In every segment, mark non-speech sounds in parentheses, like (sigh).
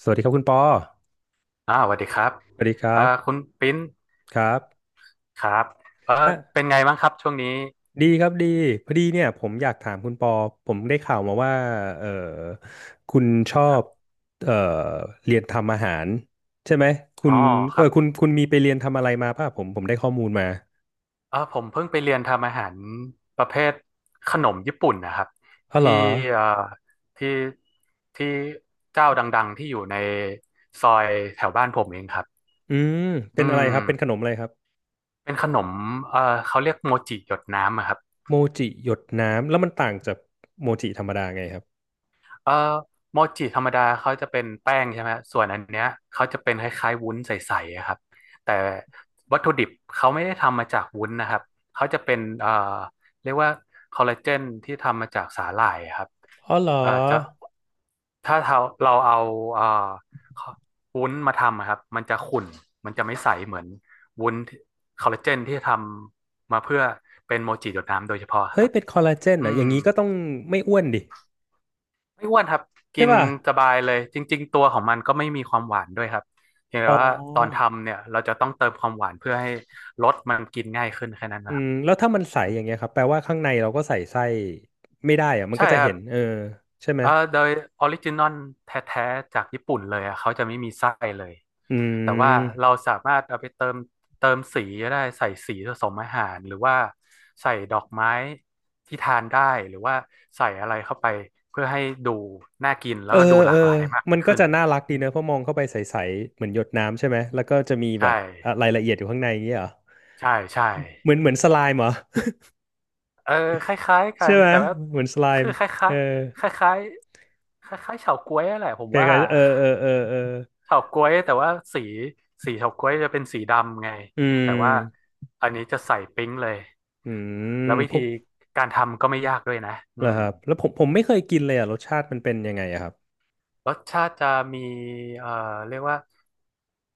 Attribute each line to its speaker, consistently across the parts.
Speaker 1: สวัสดีครับคุณปอ
Speaker 2: สวัสดีครับ
Speaker 1: สวัสดีครับ
Speaker 2: คุณปิ้น
Speaker 1: ครับ
Speaker 2: ครับเออ
Speaker 1: อ่ะ
Speaker 2: เป็นไงบ้างครับช่วงนี้
Speaker 1: ดีครับดีพอดีเนี่ยผมอยากถามคุณปอผมได้ข่าวมาว่าเออคุณชอ
Speaker 2: ครั
Speaker 1: บ
Speaker 2: บ
Speaker 1: เออเรียนทำอาหารใช่ไหมคุ
Speaker 2: อ๋
Speaker 1: ณ
Speaker 2: อครับ
Speaker 1: คุณมีไปเรียนทำอะไรมาป่ะผมได้ข้อมูลมา
Speaker 2: ผมเพิ่งไปเรียนทำอาหารประเภทขนมญี่ปุ่นนะครับ
Speaker 1: อ๋อเหร
Speaker 2: ที่
Speaker 1: อ
Speaker 2: เอ่อที่ที่เจ้าดังๆที่อยู่ในซอยแถวบ้านผมเองครับ
Speaker 1: อืมเป็น
Speaker 2: อื
Speaker 1: อะไรครับเป็นขน
Speaker 2: ม
Speaker 1: มอะไรครับ
Speaker 2: เป็นขนมเออเขาเรียกโมจิหยดน้ำอะครับ
Speaker 1: โมจิหยดน้ำแล้วมันต่างจากโมจิธรรมดาไงครับ
Speaker 2: เอ่อโมจิธรรมดาเขาจะเป็นแป้งใช่ไหมส่วนอันเนี้ยเขาจะเป็นคล้ายๆวุ้นใสๆอะครับแต่วัตถุดิบเขาไม่ได้ทำมาจากวุ้นนะครับเขาจะเป็นเรียกว่าคอลลาเจนที่ทำมาจากสาหร่ายอะครับ
Speaker 1: อ๋อเหรอ
Speaker 2: จะถ้าเราเอาเอ่อวุ้นมาทำอะครับมันจะขุ่นมันจะไม่ใสเหมือนวุ้นคอลลาเจนที่ทำมาเพื่อเป็นโมจิหยดน้ำโดยเฉพาะ
Speaker 1: เฮ้
Speaker 2: ค
Speaker 1: ย
Speaker 2: รับ
Speaker 1: เป็นคอลลาเจนเหรอ
Speaker 2: อื
Speaker 1: อย่า
Speaker 2: ม
Speaker 1: งนี้ก็ต้องไม่อ้วนดิ
Speaker 2: ไม่อ้วนครับ
Speaker 1: ใช่
Speaker 2: กิน
Speaker 1: ป่ะ
Speaker 2: สบายเลยจริงๆตัวของมันก็ไม่มีความหวานด้วยครับเพียง
Speaker 1: อ๋
Speaker 2: แต่
Speaker 1: อ
Speaker 2: ว่าตอนทำเนี่ยเราจะต้องเติมความหวานเพื่อให้รสมันกินง่ายขึ้นแค่นั้น
Speaker 1: อื
Speaker 2: นะครับ
Speaker 1: มแล้วถ้ามันใสอย่างเงี้ยครับแปลว่าข้างในเราก็ใส่ไส้ไม่ได้อะมันก็
Speaker 2: ใช่
Speaker 1: จะ
Speaker 2: ครั
Speaker 1: เห็
Speaker 2: บ
Speaker 1: นใช่ไหม
Speaker 2: โดยออริจินอลแท้ๆจากญี่ปุ่นเลยอะเขาจะไม่มีไส้เลย
Speaker 1: อื
Speaker 2: แต่ว่าเรา
Speaker 1: ม
Speaker 2: สามารถเอาไปเติมสีก็ได้ใส่สีผสมอาหารหรือว่าใส่ดอกไม้ที่ทานได้หรือว่าใส่อะไรเข้าไปเพื่อให้ดูน่ากินแล้
Speaker 1: เอ
Speaker 2: ว
Speaker 1: อ
Speaker 2: ก็ดูหลา
Speaker 1: เออ
Speaker 2: กหลายมาก
Speaker 1: มั
Speaker 2: ยิ่
Speaker 1: น
Speaker 2: ง
Speaker 1: ก็
Speaker 2: ขึ้น
Speaker 1: จะน่ารัก
Speaker 2: อื
Speaker 1: ดี
Speaker 2: ม
Speaker 1: เนอะเพราะมองเข้าไปใสๆเหมือนหยดน้ำใช่ไหมแล้วก็จะมีแบ
Speaker 2: ใช่
Speaker 1: บอะรายละเอียดอยู่ข้างในอย่างเงี้ยเหรอ
Speaker 2: ใช่ใช่
Speaker 1: เหมือนสไลม์เหรอ
Speaker 2: เออคล้ายๆ
Speaker 1: (laughs)
Speaker 2: กั
Speaker 1: ใช่
Speaker 2: น
Speaker 1: ไหม
Speaker 2: แต่ว่า
Speaker 1: เหมือนสไล
Speaker 2: คือ
Speaker 1: ม์
Speaker 2: คล
Speaker 1: เอ
Speaker 2: ้า
Speaker 1: อ
Speaker 2: ยๆคล้ายๆคล้ายๆเฉาก๊วยแหละผม
Speaker 1: ค
Speaker 2: ว่า
Speaker 1: ล้ายๆเออเออเออเออ
Speaker 2: เฉาก๊วยแต่ว่าสีเฉาก๊วยจะเป็นสีดำไง
Speaker 1: อื
Speaker 2: แต่ว่า
Speaker 1: ม
Speaker 2: อันนี้จะใส่ปิ๊งเลย
Speaker 1: อืม
Speaker 2: แล้ววิ
Speaker 1: พว
Speaker 2: ธี
Speaker 1: ก
Speaker 2: การทำก็ไม่ยากด้วยนะ
Speaker 1: เหร
Speaker 2: อื
Speaker 1: อ
Speaker 2: ม
Speaker 1: ครับแล้วผมไม่เคยกินเลยอ่ะรสชาติมันเป็นยังไงอะครับ
Speaker 2: รสชาติจะมีเอ่อเรียกว่า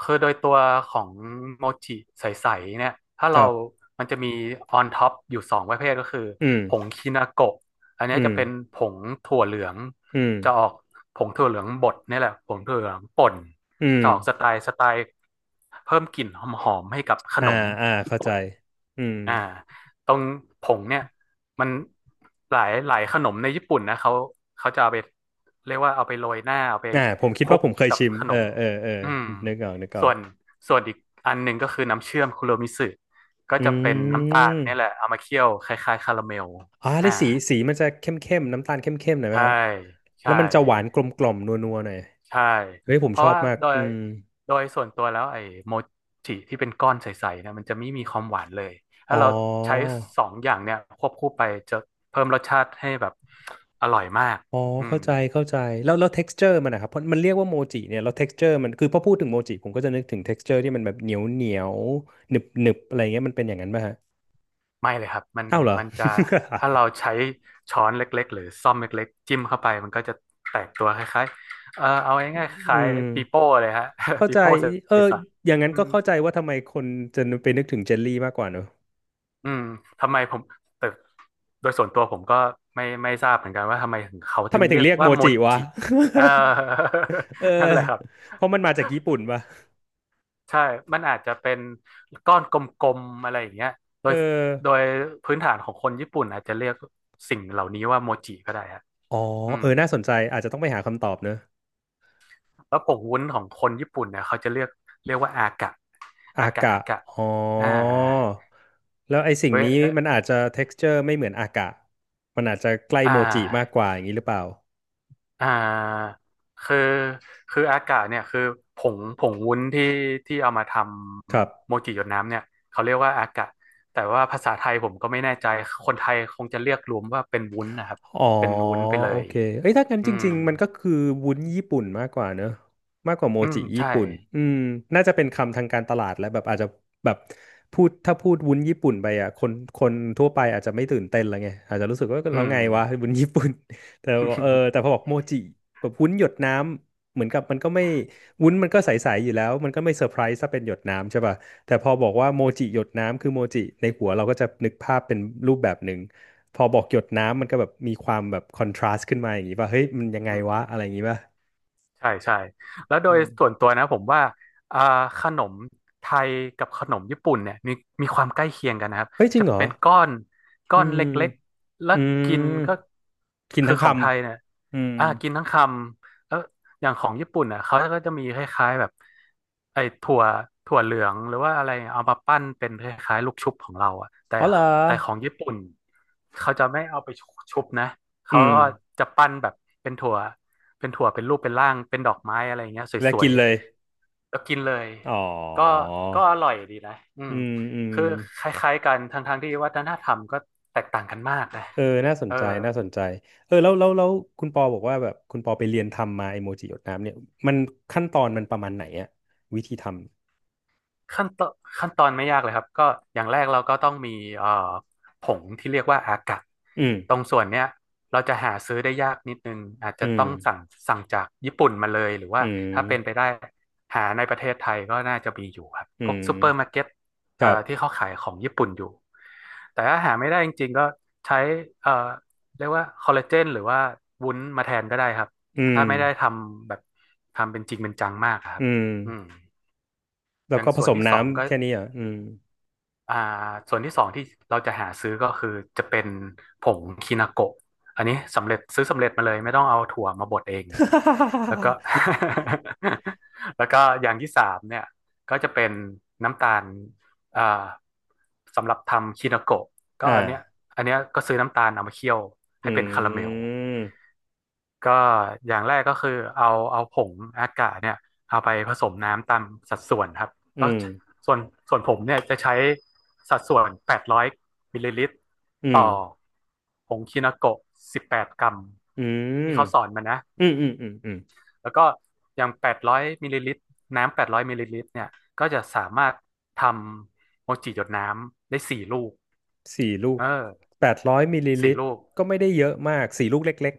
Speaker 2: คือโดยตัวของโมจิใสๆเนี่ย ถ้า
Speaker 1: ค
Speaker 2: เรา
Speaker 1: รับ
Speaker 2: มันจะมีออนท็อปอยู่สองประเภทก็คือ
Speaker 1: อืม
Speaker 2: ผงคินาโกะอันนี้
Speaker 1: อืม
Speaker 2: จะเป็นผงถั่วเหลือง
Speaker 1: อืม
Speaker 2: จะออกผงถั่วเหลืองบดนี่แหละผงถั่วเหลืองป่น
Speaker 1: อืม
Speaker 2: จะออกสไตล์เพิ่มกลิ่นหอมๆให้กับข
Speaker 1: อ่า
Speaker 2: นม
Speaker 1: อ่า
Speaker 2: ญี่
Speaker 1: เข้าใจ
Speaker 2: ปุ่น
Speaker 1: อืม
Speaker 2: อ่าตรงผงเนี่ยมันหลายหลายขนมในญี่ปุ่นนะเขาจะเอาไปเรียกว่าเอาไปโรยหน้าเอาไป
Speaker 1: อ่าผมคิ
Speaker 2: ค
Speaker 1: ด
Speaker 2: ลุ
Speaker 1: ว่า
Speaker 2: ก
Speaker 1: ผมเคย
Speaker 2: กับ
Speaker 1: ชิม
Speaker 2: ขน
Speaker 1: เออ
Speaker 2: ม
Speaker 1: เออเออ
Speaker 2: อืม
Speaker 1: นึกออกนึกออ
Speaker 2: ส่
Speaker 1: ก
Speaker 2: วนส่วนอีกอันหนึ่งก็คือน้ำเชื่อมคุโรมิสึก็
Speaker 1: อื
Speaker 2: จะเป็นน้ำตาลเนี่ยแหละ
Speaker 1: ม
Speaker 2: เอามาเคี่ยวคล้ายๆคาราเมล
Speaker 1: อ่าได้
Speaker 2: อ่า
Speaker 1: สีสีมันจะเข้มเข้มน้ำตาลเข้มเข้มหน่อยไหม
Speaker 2: ใช่
Speaker 1: ฮะ แล้
Speaker 2: ใช่
Speaker 1: วมันจะหวานกลมกล่อมนัวนัวหน่อย
Speaker 2: ใช่
Speaker 1: เฮ้ยผม
Speaker 2: เพ
Speaker 1: ช
Speaker 2: ราะ
Speaker 1: อบ
Speaker 2: ว่า
Speaker 1: มาก
Speaker 2: โดย
Speaker 1: อืม
Speaker 2: ส่วนตัวแล้วไอ้โมจิที่เป็นก้อนใสๆเนี่ยมันจะไม่มีความหวานเลย
Speaker 1: อ๋
Speaker 2: ถ้า
Speaker 1: อ
Speaker 2: เราใช้สองอย่างเนี่ยควบคู่ไปจะเพิ่มรสชาติให้แบบอร่อยมาก
Speaker 1: อ๋อ
Speaker 2: อื
Speaker 1: เข้า
Speaker 2: ม
Speaker 1: ใจเข้าใจแล้วแล้ว texture มันนะครับ เพราะมันเรียกว่าโมจิเนี่ย แล้ว texture มันคือพอพูดถึงโมจิผมก็จะนึกถึง texture ที่มันแบบเหนียวเหนียวหนึบหนึบอะไรเงี้ยมันเป็นอย่างนั้นป่ะฮะ
Speaker 2: ไม่เลยครับ
Speaker 1: อ้าวเหรอ
Speaker 2: มันจะถ้าเราใช้ช้อนเล็กๆหรือซ่อมเล็กๆจิ้มเข้าไปมันก็จะแตกตัวคล้ายๆเอาง่ายๆ
Speaker 1: (laughs)
Speaker 2: ค
Speaker 1: อื
Speaker 2: ล้าย
Speaker 1: ม
Speaker 2: ปีโป้เลยฮะ
Speaker 1: เข้า
Speaker 2: (laughs) ปี
Speaker 1: ใจ
Speaker 2: โป้ใ
Speaker 1: เออ
Speaker 2: ส
Speaker 1: อย่างนั้
Speaker 2: ๆ
Speaker 1: น
Speaker 2: อื
Speaker 1: ก็
Speaker 2: ม
Speaker 1: เข้าใจว่าทำไมคนจะไปนึกถึงเจลลี่มากกว่าเนอะ
Speaker 2: อืมทำไมผมแต่โดยส่วนตัวผมก็ไม่ทราบเหมือนกันว่าทำไมถึงเขา
Speaker 1: ทำ
Speaker 2: ถึ
Speaker 1: ไม
Speaker 2: ง
Speaker 1: ถึ
Speaker 2: เรี
Speaker 1: ง
Speaker 2: ยก
Speaker 1: เรียกโม
Speaker 2: ว่าโม
Speaker 1: จิวะ
Speaker 2: จิเออ
Speaker 1: (laughs) เออ
Speaker 2: (laughs) นั่นแหละครับ
Speaker 1: เพราะมันมาจากญี่ปุ่นปะ
Speaker 2: ใช่มันอาจจะเป็นก้อนกลมๆอะไรอย่างเงี้ยโด
Speaker 1: เออ
Speaker 2: ยโดยพื้นฐานของคนญี่ปุ่นอาจจะเรียกสิ่งเหล่านี้ว่าโมจิก็ได้ฮะ
Speaker 1: อ๋อ
Speaker 2: อื
Speaker 1: เอ
Speaker 2: ม
Speaker 1: อน่าสนใจ อาจจะต้องไปหาคำตอบเนอะ
Speaker 2: แล้วผงวุ้นของคนญี่ปุ่นเนี่ยเขาจะเรียกว่าอากะอา
Speaker 1: อา
Speaker 2: กะ
Speaker 1: กะ
Speaker 2: อากะ
Speaker 1: อ๋
Speaker 2: อ่า
Speaker 1: อ แล้วไอ้สิ่ง
Speaker 2: เว้ย
Speaker 1: นี้มันอาจจะ texture ไม่เหมือนอากะ มันอาจจะใกล้
Speaker 2: อ่า
Speaker 1: โมจิมากกว่าอย่างนี้หรือเปล่า
Speaker 2: อ่าคืออากาศเนี่ยคือผงวุ้นที่เอามาท
Speaker 1: ครับ
Speaker 2: ำโมจิหยดน้ำเนี่ยเขาเรียกว่าอากาศแต่ว่าภาษาไทยผมก็ไม่แน่ใจคนไทยคงจะเรียกรวมว่าเป็นวุ้นนะครับ
Speaker 1: อ๋อ
Speaker 2: เป็นวุ้นไปเล
Speaker 1: โอ
Speaker 2: ย
Speaker 1: เคเอ้ยถ้างั้น
Speaker 2: อื
Speaker 1: จ
Speaker 2: ม
Speaker 1: ริงๆมันก็คือวุ้นญี่ปุ่นมากกว่าเนอะมากกว่าโม
Speaker 2: อืม
Speaker 1: จิญี่
Speaker 2: ใช่
Speaker 1: ปุ่นอืมน่าจะเป็นคำทางการตลาดและแบบอาจจะแบบพูดถ้าพูดวุ้นญี่ปุ่นไปอ่ะคนทั่วไปอาจจะไม่ตื่นเต้นแล้วไงอาจจะรู้สึกว่า
Speaker 2: อื
Speaker 1: เรา
Speaker 2: ม
Speaker 1: ไงวะวุ้นญี่ปุ่น (laughs) แต่ว่าเออแต่พอ
Speaker 2: (laughs)
Speaker 1: บอกโมจิแบบวุ้นหยดน้ำเหมือนกับมันก็ไม่วุ้นมันก็ใสๆอยู่แล้วมันก็ไม่เซอร์ไพรส์ถ้าเป็นหยดน้ำใช่ป่ะแต่พอบอกว่าโมจิหยดน้ำคือโมจิในหัวเราก็จะนึกภาพเป็นรูปแบบหนึ่ง พอบอกหยดน้ำมันก็แบบมีความแบบคอนทราสต์ขึ้นมาอย่างนี้ป่ะเฮ้ยมันยังไง
Speaker 2: อืม
Speaker 1: วะอะไรอย่างนี้ป่ะ
Speaker 2: ใช่ใช่แล้วโด
Speaker 1: อื
Speaker 2: ย
Speaker 1: ม
Speaker 2: ส่วนตัวนะผมว่าอ่าขนมไทยกับขนมญี่ปุ่นเนี่ยมีความใกล้เคียงกันนะครับ
Speaker 1: เฮ้ยจริ
Speaker 2: จะ
Speaker 1: งเหรอ
Speaker 2: เป็นก้อน
Speaker 1: อื
Speaker 2: เล
Speaker 1: ม
Speaker 2: ็กๆแล้ว
Speaker 1: อืม
Speaker 2: กินก็
Speaker 1: กิน
Speaker 2: คือ
Speaker 1: ทั้งค
Speaker 2: ของไทยเนี่ย
Speaker 1: ำอืม
Speaker 2: กินทั้งคำแล้วอย่างของญี่ปุ่นอ่ะเขาก็จะมีคล้ายๆแบบไอ้ถั่วเหลืองหรือว่าอะไรเอามาปั้นเป็นคล้ายๆลูกชุบของเราอ่ะแต่
Speaker 1: อ๋อเหรอ
Speaker 2: ของญี่ปุ่นเขาจะไม่เอาไปชุบนะ
Speaker 1: อื
Speaker 2: เขา
Speaker 1: ม
Speaker 2: ก็จะปั้นแบบเป็นถั่วเป็นรูปเป็นร่างเป็นดอกไม้อะไรเงี้ยส
Speaker 1: และ
Speaker 2: ว
Speaker 1: กิ
Speaker 2: ย
Speaker 1: นเลย
Speaker 2: ๆแล้วกินเลย
Speaker 1: อ๋อ
Speaker 2: ก็อร่อยดีนะอื
Speaker 1: อื
Speaker 2: ม
Speaker 1: มอืม
Speaker 2: คือคล้ายๆกันทั้งๆที่วัฒนธรรมก็แตกต่างกันมากนะ
Speaker 1: เออน่าส
Speaker 2: เอ
Speaker 1: น
Speaker 2: อ
Speaker 1: ใจน่าสนใจเออแล้วแล้วแล้วคุณปอบอกว่าแบบคุณปอไปเรียนทำมาไอโมจิหยดน้ำเนี่ยมันขั้นตอนมันประมาณไหนอะวิธีทำ
Speaker 2: ขั้นตอนไม่ยากเลยครับ ก็อย่างแรกเราก็ต้องมีเอ่อผงที่เรียกว่าอากะ
Speaker 1: อืม
Speaker 2: ตรงส่วนเนี้ยเราจะหาซื้อได้ยากนิดนึง อาจ
Speaker 1: อื
Speaker 2: จะ
Speaker 1: ม
Speaker 2: ต้องสั่งจากญี่ปุ่นมาเลย หรือ
Speaker 1: อื
Speaker 2: ว่าถ้าเป็นไป
Speaker 1: ม
Speaker 2: ได้หาในประเทศไทยก็น่าจะมีอยู่ครับ
Speaker 1: อื
Speaker 2: พวกซูเปอร์มา
Speaker 1: ม
Speaker 2: ร์เก็ต
Speaker 1: ครับ
Speaker 2: ที่เขาขายของญี่ปุ่นอยู่ แต่ถ้าหาไม่ได้จริงๆก็ใช้เอ่อเรียกว่าคอลลาเจนหรือว่าวุ้นมาแทนก็ได้ครับ
Speaker 1: อืม
Speaker 2: ถ้าไม่ได้ทำแบบทำเป็นจริงเป็นจังมากอะครั
Speaker 1: อื
Speaker 2: บ
Speaker 1: ม
Speaker 2: อืม
Speaker 1: แล้
Speaker 2: อ
Speaker 1: ว
Speaker 2: ย่าง
Speaker 1: ก็ผ
Speaker 2: ส่ว
Speaker 1: ส
Speaker 2: น
Speaker 1: ม
Speaker 2: ที่สองก็
Speaker 1: น้ำแค่นี้เหรอ่ะอืม
Speaker 2: อ่าส่วนที่สองที่เราจะหาซื้อก็คือจะเป็นผงคินาโกะอันนี้สำเร็จซื้อสำเร็จมาเลยไม่ต้องเอาถั่วมาบดเองแล้วก็
Speaker 1: (laughs)
Speaker 2: (laughs) แล้วก็อย่างที่สามเนี่ยก็จะเป็นน้ำตาลอ่าสำหรับทำคินาโกะก็
Speaker 1: อ่า
Speaker 2: อันเนี้ยอันเนี้ยก็ซื้อน้ำตาลเอามาเคี่ยว
Speaker 1: อื
Speaker 2: ให้เป็นคาราเมล
Speaker 1: ม
Speaker 2: ก็อย่างแรกก็คือเอาผงอากาศเนี่ยเอาไปผสมน้ำตามสัดส่วนครับ
Speaker 1: อื
Speaker 2: ก็
Speaker 1: ม
Speaker 2: ส่วนส่วนผมเนี่ยจะใช้สัดส่วน 800 มิลลิลิตร
Speaker 1: อื
Speaker 2: ต่
Speaker 1: ม
Speaker 2: อผงคินาโกะ18 กรัม
Speaker 1: อื
Speaker 2: ที่เขาสอ
Speaker 1: ม
Speaker 2: นมานะ
Speaker 1: อืมอืมอืมอืม
Speaker 2: แล้วก็อย่าง800 มิลลิลิตรน้ำ 800 มิลลิลิตรเนี่ยก็จะสามารถทำโมจิหยดน้ำได้สี่ลูก
Speaker 1: สี่ลูก
Speaker 2: เออ
Speaker 1: แปดร้อยมิลลิ
Speaker 2: สี่
Speaker 1: ลิตร
Speaker 2: ลูก
Speaker 1: ก็ไม่ได้เยอะมากสี่ลูกเล็ก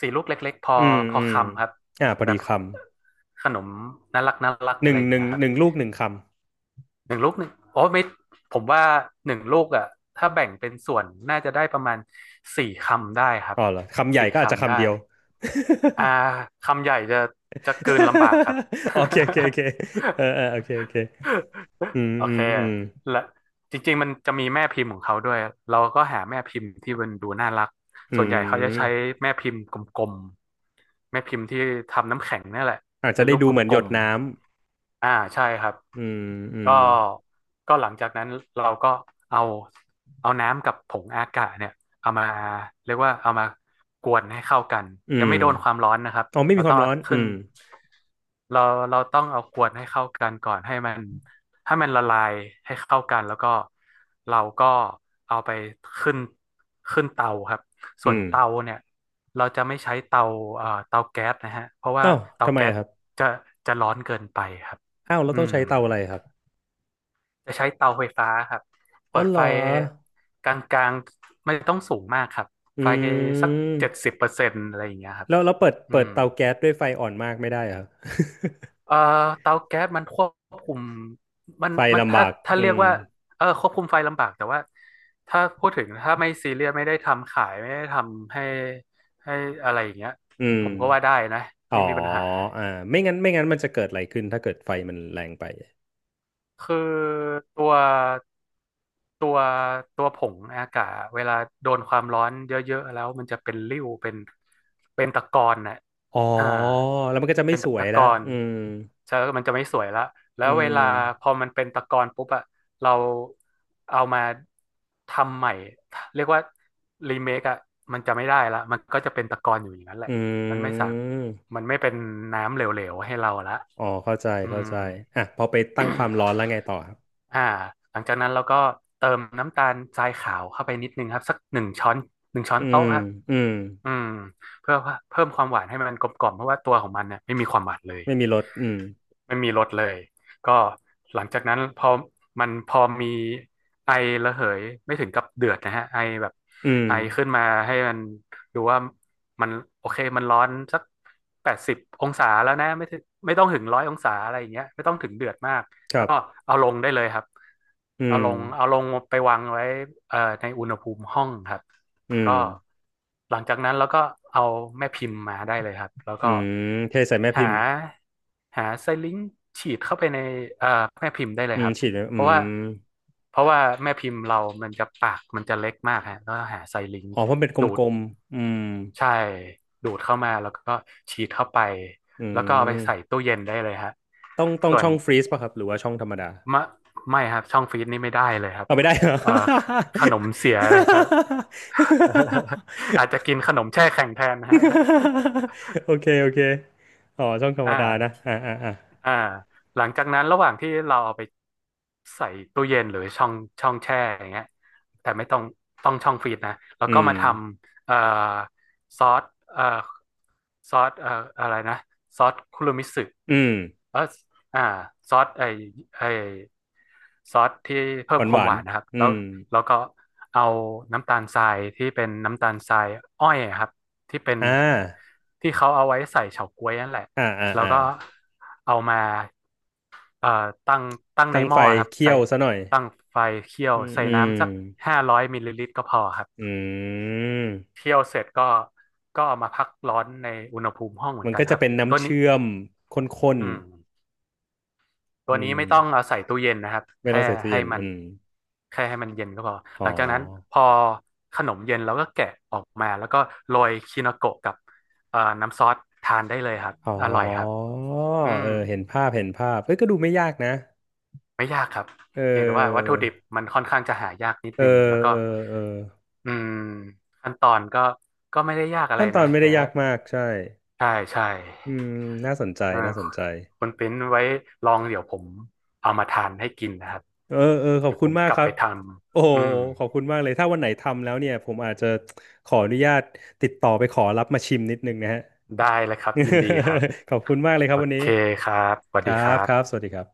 Speaker 2: สี่ลูกเล็กๆพ
Speaker 1: ๆ
Speaker 2: อ
Speaker 1: อืม
Speaker 2: พอ
Speaker 1: อืม
Speaker 2: คำครับ
Speaker 1: อ่าพอ
Speaker 2: แบ
Speaker 1: ดี
Speaker 2: บ
Speaker 1: ค
Speaker 2: ขนมน่ารักน่ารัก
Speaker 1: ำห
Speaker 2: อะ
Speaker 1: นึ่
Speaker 2: ไร
Speaker 1: ง
Speaker 2: อย่า
Speaker 1: ห
Speaker 2: ง
Speaker 1: นึ่
Speaker 2: เงี้
Speaker 1: ง
Speaker 2: ยครั
Speaker 1: ห
Speaker 2: บ
Speaker 1: นึ่งลูกหนึ่งค
Speaker 2: หนึ่งลูกหนึ่งโอ้ไม่ผมว่าหนึ่งลูกอ่ะถ้าแบ่งเป็นส่วนน่าจะได้ประมาณสี่คำได้ครั
Speaker 1: ำ
Speaker 2: บ
Speaker 1: อ๋อเหรอคำใหญ่
Speaker 2: สี่
Speaker 1: ก็อาจจะ
Speaker 2: คำ
Speaker 1: คำ
Speaker 2: ได้
Speaker 1: เดียว
Speaker 2: อ่าคำใหญ่จะจะกลืนลำบากครับ (laughs)
Speaker 1: (laughs) โอเคโอเคโอเคเออเออโอเคโอเคอืม
Speaker 2: โอ
Speaker 1: อื
Speaker 2: เค
Speaker 1: มอืม
Speaker 2: และจริงๆมันจะมีแม่พิมพ์ของเขาด้วยเราก็หาแม่พิมพ์ที่มันดูน่ารัก
Speaker 1: อื
Speaker 2: ส่วนใหญ่เขาจะใช้
Speaker 1: ม
Speaker 2: แม่พิมพ์กลม แม่พิมพ์ที่ทำน้ำแข็งนี่แหละ
Speaker 1: อาจจะ
Speaker 2: เป็น
Speaker 1: ได้
Speaker 2: รูป
Speaker 1: ดู
Speaker 2: ก
Speaker 1: เหมือนหย
Speaker 2: ล
Speaker 1: ด
Speaker 2: ม
Speaker 1: น้
Speaker 2: ๆ ใช่ครับ
Speaker 1: อืมอืม
Speaker 2: ก็ก็หลังจากนั้นเราก็เอาน้ำกับผงอากาศเนี่ยเอามาเรียกว่าเอามากวนให้เข้ากัน
Speaker 1: อื
Speaker 2: ยัง
Speaker 1: ม
Speaker 2: ไม่โดนความร้อนนะครับ
Speaker 1: อ๋อไม่
Speaker 2: เรา
Speaker 1: มีค
Speaker 2: ต้อ
Speaker 1: วา
Speaker 2: ง
Speaker 1: มร้
Speaker 2: เอา
Speaker 1: อนอื
Speaker 2: ขึ้น
Speaker 1: ม
Speaker 2: เราเราต้องเอากวนให้เข้ากันก่อนให้มัน ให้มันละลายให้เข้ากันแล้วก็เราก็เอาไปขึ้นเตาครับส่ว
Speaker 1: อื
Speaker 2: น
Speaker 1: ม
Speaker 2: เตาเนี่ยเราจะไม่ใช้เตาเตาแก๊สนะฮะเพราะว่า
Speaker 1: อ้าว
Speaker 2: เตา
Speaker 1: ทำไม
Speaker 2: แก๊ส
Speaker 1: อะครับ
Speaker 2: จะจะร้อนเกินไปครับ
Speaker 1: อ้าวเรา
Speaker 2: อื
Speaker 1: ต้อง
Speaker 2: ม
Speaker 1: ใช้เตาอะไรครับ
Speaker 2: จะใช้เตาไฟฟ้าครับ
Speaker 1: อ๋
Speaker 2: เปิ
Speaker 1: อ
Speaker 2: ด
Speaker 1: เหร
Speaker 2: ไฟ
Speaker 1: อ
Speaker 2: กลางๆไม่ต้องสูงมากครับ
Speaker 1: อื
Speaker 2: ไฟสักเจ็ดสิ
Speaker 1: ม
Speaker 2: บเปอร์เซ็นต์อะไรอย่างเงี้ยครับ
Speaker 1: แล้วเราเปิด
Speaker 2: อื
Speaker 1: เปิด
Speaker 2: ม
Speaker 1: เตาแก๊สด้วยไฟอ่อนมากไม่ได้เหรอครับ
Speaker 2: เอ่อเตาแก๊สมันควบคุม
Speaker 1: (laughs) ไฟ
Speaker 2: มัน
Speaker 1: ลำ
Speaker 2: ถ้า
Speaker 1: บากอื
Speaker 2: เรียก
Speaker 1: ม
Speaker 2: ว่าเออควบคุมไฟลำบากแต่ว่าถ้าพูดถึงถ้าไม่ซีเรียสไม่ได้ทำขายไม่ได้ทำให้ให้อะไรอย่างเงี้ย
Speaker 1: อืม
Speaker 2: ผมก็ว่าได้นะ
Speaker 1: อ๋อ
Speaker 2: ไม่มีปัญหา
Speaker 1: อ่าไม่งั้นมันจะเกิดอะไรขึ้นถ้าเกิดไฟมันแรงไป
Speaker 2: คือตัวตัวตัวผงอากาศเวลาโดนความร้อนเยอะๆแล้วมันจะเป็นริ้วเป็นเป็นตะกอนน่ะ
Speaker 1: อ๋อ
Speaker 2: อ่า
Speaker 1: แล้วมันก็จะไม่
Speaker 2: เป็น
Speaker 1: สวย
Speaker 2: ตะก
Speaker 1: ละ
Speaker 2: อน
Speaker 1: อืม
Speaker 2: ใช่แล้วมันจะไม่สวยละแล้
Speaker 1: อื
Speaker 2: วเวลา
Speaker 1: ม
Speaker 2: พอมันเป็นตะกอนปุ๊บอะเราเอามาทำใหม่เรียกว่ารีเมคอะมันจะไม่ได้ละมันก็จะเป็นตะกอนอยู่อย่างนั้นแห
Speaker 1: อื
Speaker 2: ละมันไม่สา
Speaker 1: ม
Speaker 2: มันไม่เป็นน้ำเหลวๆให้เราละ
Speaker 1: อ๋อเข้าใจ
Speaker 2: อื
Speaker 1: เข้า
Speaker 2: ม
Speaker 1: ใจอ่ะพอไปตั้งความร้อน
Speaker 2: (coughs)
Speaker 1: แล้วไงต่อครับ
Speaker 2: อ่าหลังจากนั้นเราก็เติมน้ำตาลทรายขาวเข้าไปนิดนึงครับสักหนึ่งช้อนหนึ่งช้อ
Speaker 1: อื
Speaker 2: นโต๊ะ
Speaker 1: ม
Speaker 2: ครับ
Speaker 1: อืม
Speaker 2: อืมเพื่อเพิ่มความหวานให้มันกลมกล่อมเพราะว่าตัวของมันเนี่ยไม่มีความหวานเลย
Speaker 1: ไม่มีรถอืม
Speaker 2: ไม่มีรถเลยก็หลังจากนั้นพอมันพอมีไอระเหยไม่ถึงกับเดือดนะฮะไอแบบ
Speaker 1: อืม
Speaker 2: ไอขึ้นมาให้มันดูว่ามันโอเคมันร้อนสัก80 องศาแล้วนะไม่ถึงไม่ต้องถึง100 องศาอะไรอย่างเงี้ยไม่ต้องถึงเดือดมาก
Speaker 1: ครั
Speaker 2: ก็
Speaker 1: บ
Speaker 2: เอาลงได้เลยครับ
Speaker 1: อื
Speaker 2: เอา
Speaker 1: ม
Speaker 2: ลงเอาลงไปวางไว้ในอุณหภูมิห้องครับ
Speaker 1: อื
Speaker 2: ก็
Speaker 1: ม
Speaker 2: หลังจากนั้นเราก็เอาแม่พิมพ์มาได้เลยครับแล้ว
Speaker 1: อื
Speaker 2: ก็
Speaker 1: มเทใส่แม่พิ
Speaker 2: หา
Speaker 1: มพ์
Speaker 2: ไซลิงค์ฉีดเข้าไปในเอ่อแม่พิมพ์ได้เล
Speaker 1: อื
Speaker 2: ยค
Speaker 1: ม
Speaker 2: รับ
Speaker 1: ฉีดไว้
Speaker 2: เพ
Speaker 1: อื
Speaker 2: ราะ
Speaker 1: ม
Speaker 2: ว่าแม่พิมพ์เรามันจะปากมันจะเล็กมากฮะแล้วหาไซลิงค์
Speaker 1: อ๋อเพราะมันเป็นก
Speaker 2: ดูด
Speaker 1: ลมๆอืม
Speaker 2: ใช่ดูดเข้ามาแล้วก็ฉีดเข้าไป
Speaker 1: อื
Speaker 2: แล้วก็เอาไปใส่
Speaker 1: ม
Speaker 2: ตู้เย็นได้เลยฮะ
Speaker 1: ต้อง
Speaker 2: ส่ว
Speaker 1: ช่
Speaker 2: น
Speaker 1: องฟรีซป่ะครับหรือว่าช่องธรรมดา
Speaker 2: มะไม่ครับช่องฟรีซนี่ไม่ได้เลยครับ
Speaker 1: เอาไม่ได้ (laughs) เหรอ
Speaker 2: เอ่อขนมเสียเลยครับ (laughs) อาจจะกินขนมแช่แข็งแทนนะ (laughs) ฮะ
Speaker 1: (laughs) โอเคโอเคอ๋อช่องธรรม
Speaker 2: อ่า
Speaker 1: ดานะอ่าอ่าอ่า
Speaker 2: อ่าหลังจากนั้นระหว่างที่เราเอาไปใส่ตู้เย็นหรือช่องแช่อย่างเงี้ยแต่ไม่ต้องต้องช่องฟรีซนะแล้ว
Speaker 1: อื
Speaker 2: ก็
Speaker 1: ม
Speaker 2: มาทำซอสเอ่อซอสอะไรนะซอสคุรุมิสึ
Speaker 1: อืม
Speaker 2: เอออ่าซอสไอไอซอสที่เพิ่
Speaker 1: ห
Speaker 2: ม
Speaker 1: วาน
Speaker 2: ค
Speaker 1: ห
Speaker 2: วาม
Speaker 1: วา
Speaker 2: ห
Speaker 1: น
Speaker 2: วานนะครับ
Speaker 1: อื
Speaker 2: แล้ว
Speaker 1: ม
Speaker 2: แล้วก็เอาน้ำตาลทรายที่เป็นน้ำตาลทรายอ้อยอะครับที่เป็น
Speaker 1: อ่า
Speaker 2: ที่เขาเอาไว้ใส่เฉาก๊วยนั่นแหละ
Speaker 1: อ่าอ่า
Speaker 2: แล้ว
Speaker 1: อ่า
Speaker 2: ก็เอามาเอ่อตั้งตั้งใน
Speaker 1: ตั้ง
Speaker 2: ห
Speaker 1: ไฟ
Speaker 2: ม้อครับ
Speaker 1: เคี่
Speaker 2: ใส่
Speaker 1: ยวซะหน่อย
Speaker 2: ตั้งไฟเคี่ยว
Speaker 1: อืม
Speaker 2: ใส่
Speaker 1: อืม
Speaker 2: น้ำสัก500 มิลลิลิตรก็พอครับ
Speaker 1: อืม
Speaker 2: เคี่ยวเสร็จก็ก็เอามาพักร้อนในอุณหภูมิห้องเหมือ
Speaker 1: มั
Speaker 2: น
Speaker 1: น
Speaker 2: กั
Speaker 1: ก็
Speaker 2: นค
Speaker 1: จะ
Speaker 2: รับ
Speaker 1: เป็น
Speaker 2: ตั
Speaker 1: น้ำ
Speaker 2: วนี้
Speaker 1: เชื่อมข้น
Speaker 2: อืม
Speaker 1: ๆ
Speaker 2: ตั
Speaker 1: อื
Speaker 2: วนี้
Speaker 1: ม
Speaker 2: ไม่ต้องเอาใส่ตู้เย็นนะครับ
Speaker 1: ไม่
Speaker 2: แค่
Speaker 1: ต้องใส่ตู้
Speaker 2: ให้
Speaker 1: เย็น
Speaker 2: มั
Speaker 1: อื
Speaker 2: น
Speaker 1: ม
Speaker 2: เย็นก็พอ
Speaker 1: อ๋อ
Speaker 2: หลังจากนั้นพอขนมเย็นเราก็แกะออกมาแล้วก็โรยคิโนโกะกับน้ำซอสทานได้เลยครับ
Speaker 1: อ๋อ
Speaker 2: อร่อยครับอื
Speaker 1: เอ
Speaker 2: ม
Speaker 1: อเห็นภาพเห็นภาพเอ้ย ก็ดูไม่ยากนะ
Speaker 2: ไม่ยากครับ
Speaker 1: เอ
Speaker 2: เพียงแต่ว่าวัต
Speaker 1: อ
Speaker 2: ถุดิบมันค่อนข้างจะหายากนิด
Speaker 1: เออ
Speaker 2: นึงแล้วก็
Speaker 1: เออเออ
Speaker 2: อืมขั้นตอนก็ก็ไม่ได้ยากอะไร
Speaker 1: ขั้นตอ
Speaker 2: นะ
Speaker 1: นไม่
Speaker 2: แต่
Speaker 1: ได้ยา
Speaker 2: ว่า
Speaker 1: กมาก ใช่
Speaker 2: ใช่ใช่
Speaker 1: อืมน่าสนใจ
Speaker 2: เออ
Speaker 1: น่าสนใจ
Speaker 2: คุณปิ้นไว้ลองเดี๋ยวผมเอามาทานให้กินนะครับ
Speaker 1: เออเออขอบ
Speaker 2: เดี๋ยว
Speaker 1: คุ
Speaker 2: ผ
Speaker 1: ณ
Speaker 2: ม
Speaker 1: มาก
Speaker 2: กลั
Speaker 1: ค
Speaker 2: บ
Speaker 1: รั
Speaker 2: ไป
Speaker 1: บ
Speaker 2: ท
Speaker 1: โอ้โห
Speaker 2: ำอืม
Speaker 1: ขอบคุณมากเลย ถ้าวันไหนทำแล้วเนี่ย ผมอาจจะขออนุญาตติดต่อไปขอรับมาชิมนิดนึงนะฮะ
Speaker 2: ได้เลยครับยินดีครับ
Speaker 1: (laughs) ขอบคุณมากเลยครั
Speaker 2: โอ
Speaker 1: บวันนี้
Speaker 2: เคครับสวั
Speaker 1: ค
Speaker 2: สดี
Speaker 1: รั
Speaker 2: ค
Speaker 1: บ
Speaker 2: รั
Speaker 1: ครับส
Speaker 2: บ
Speaker 1: วัสดีครับ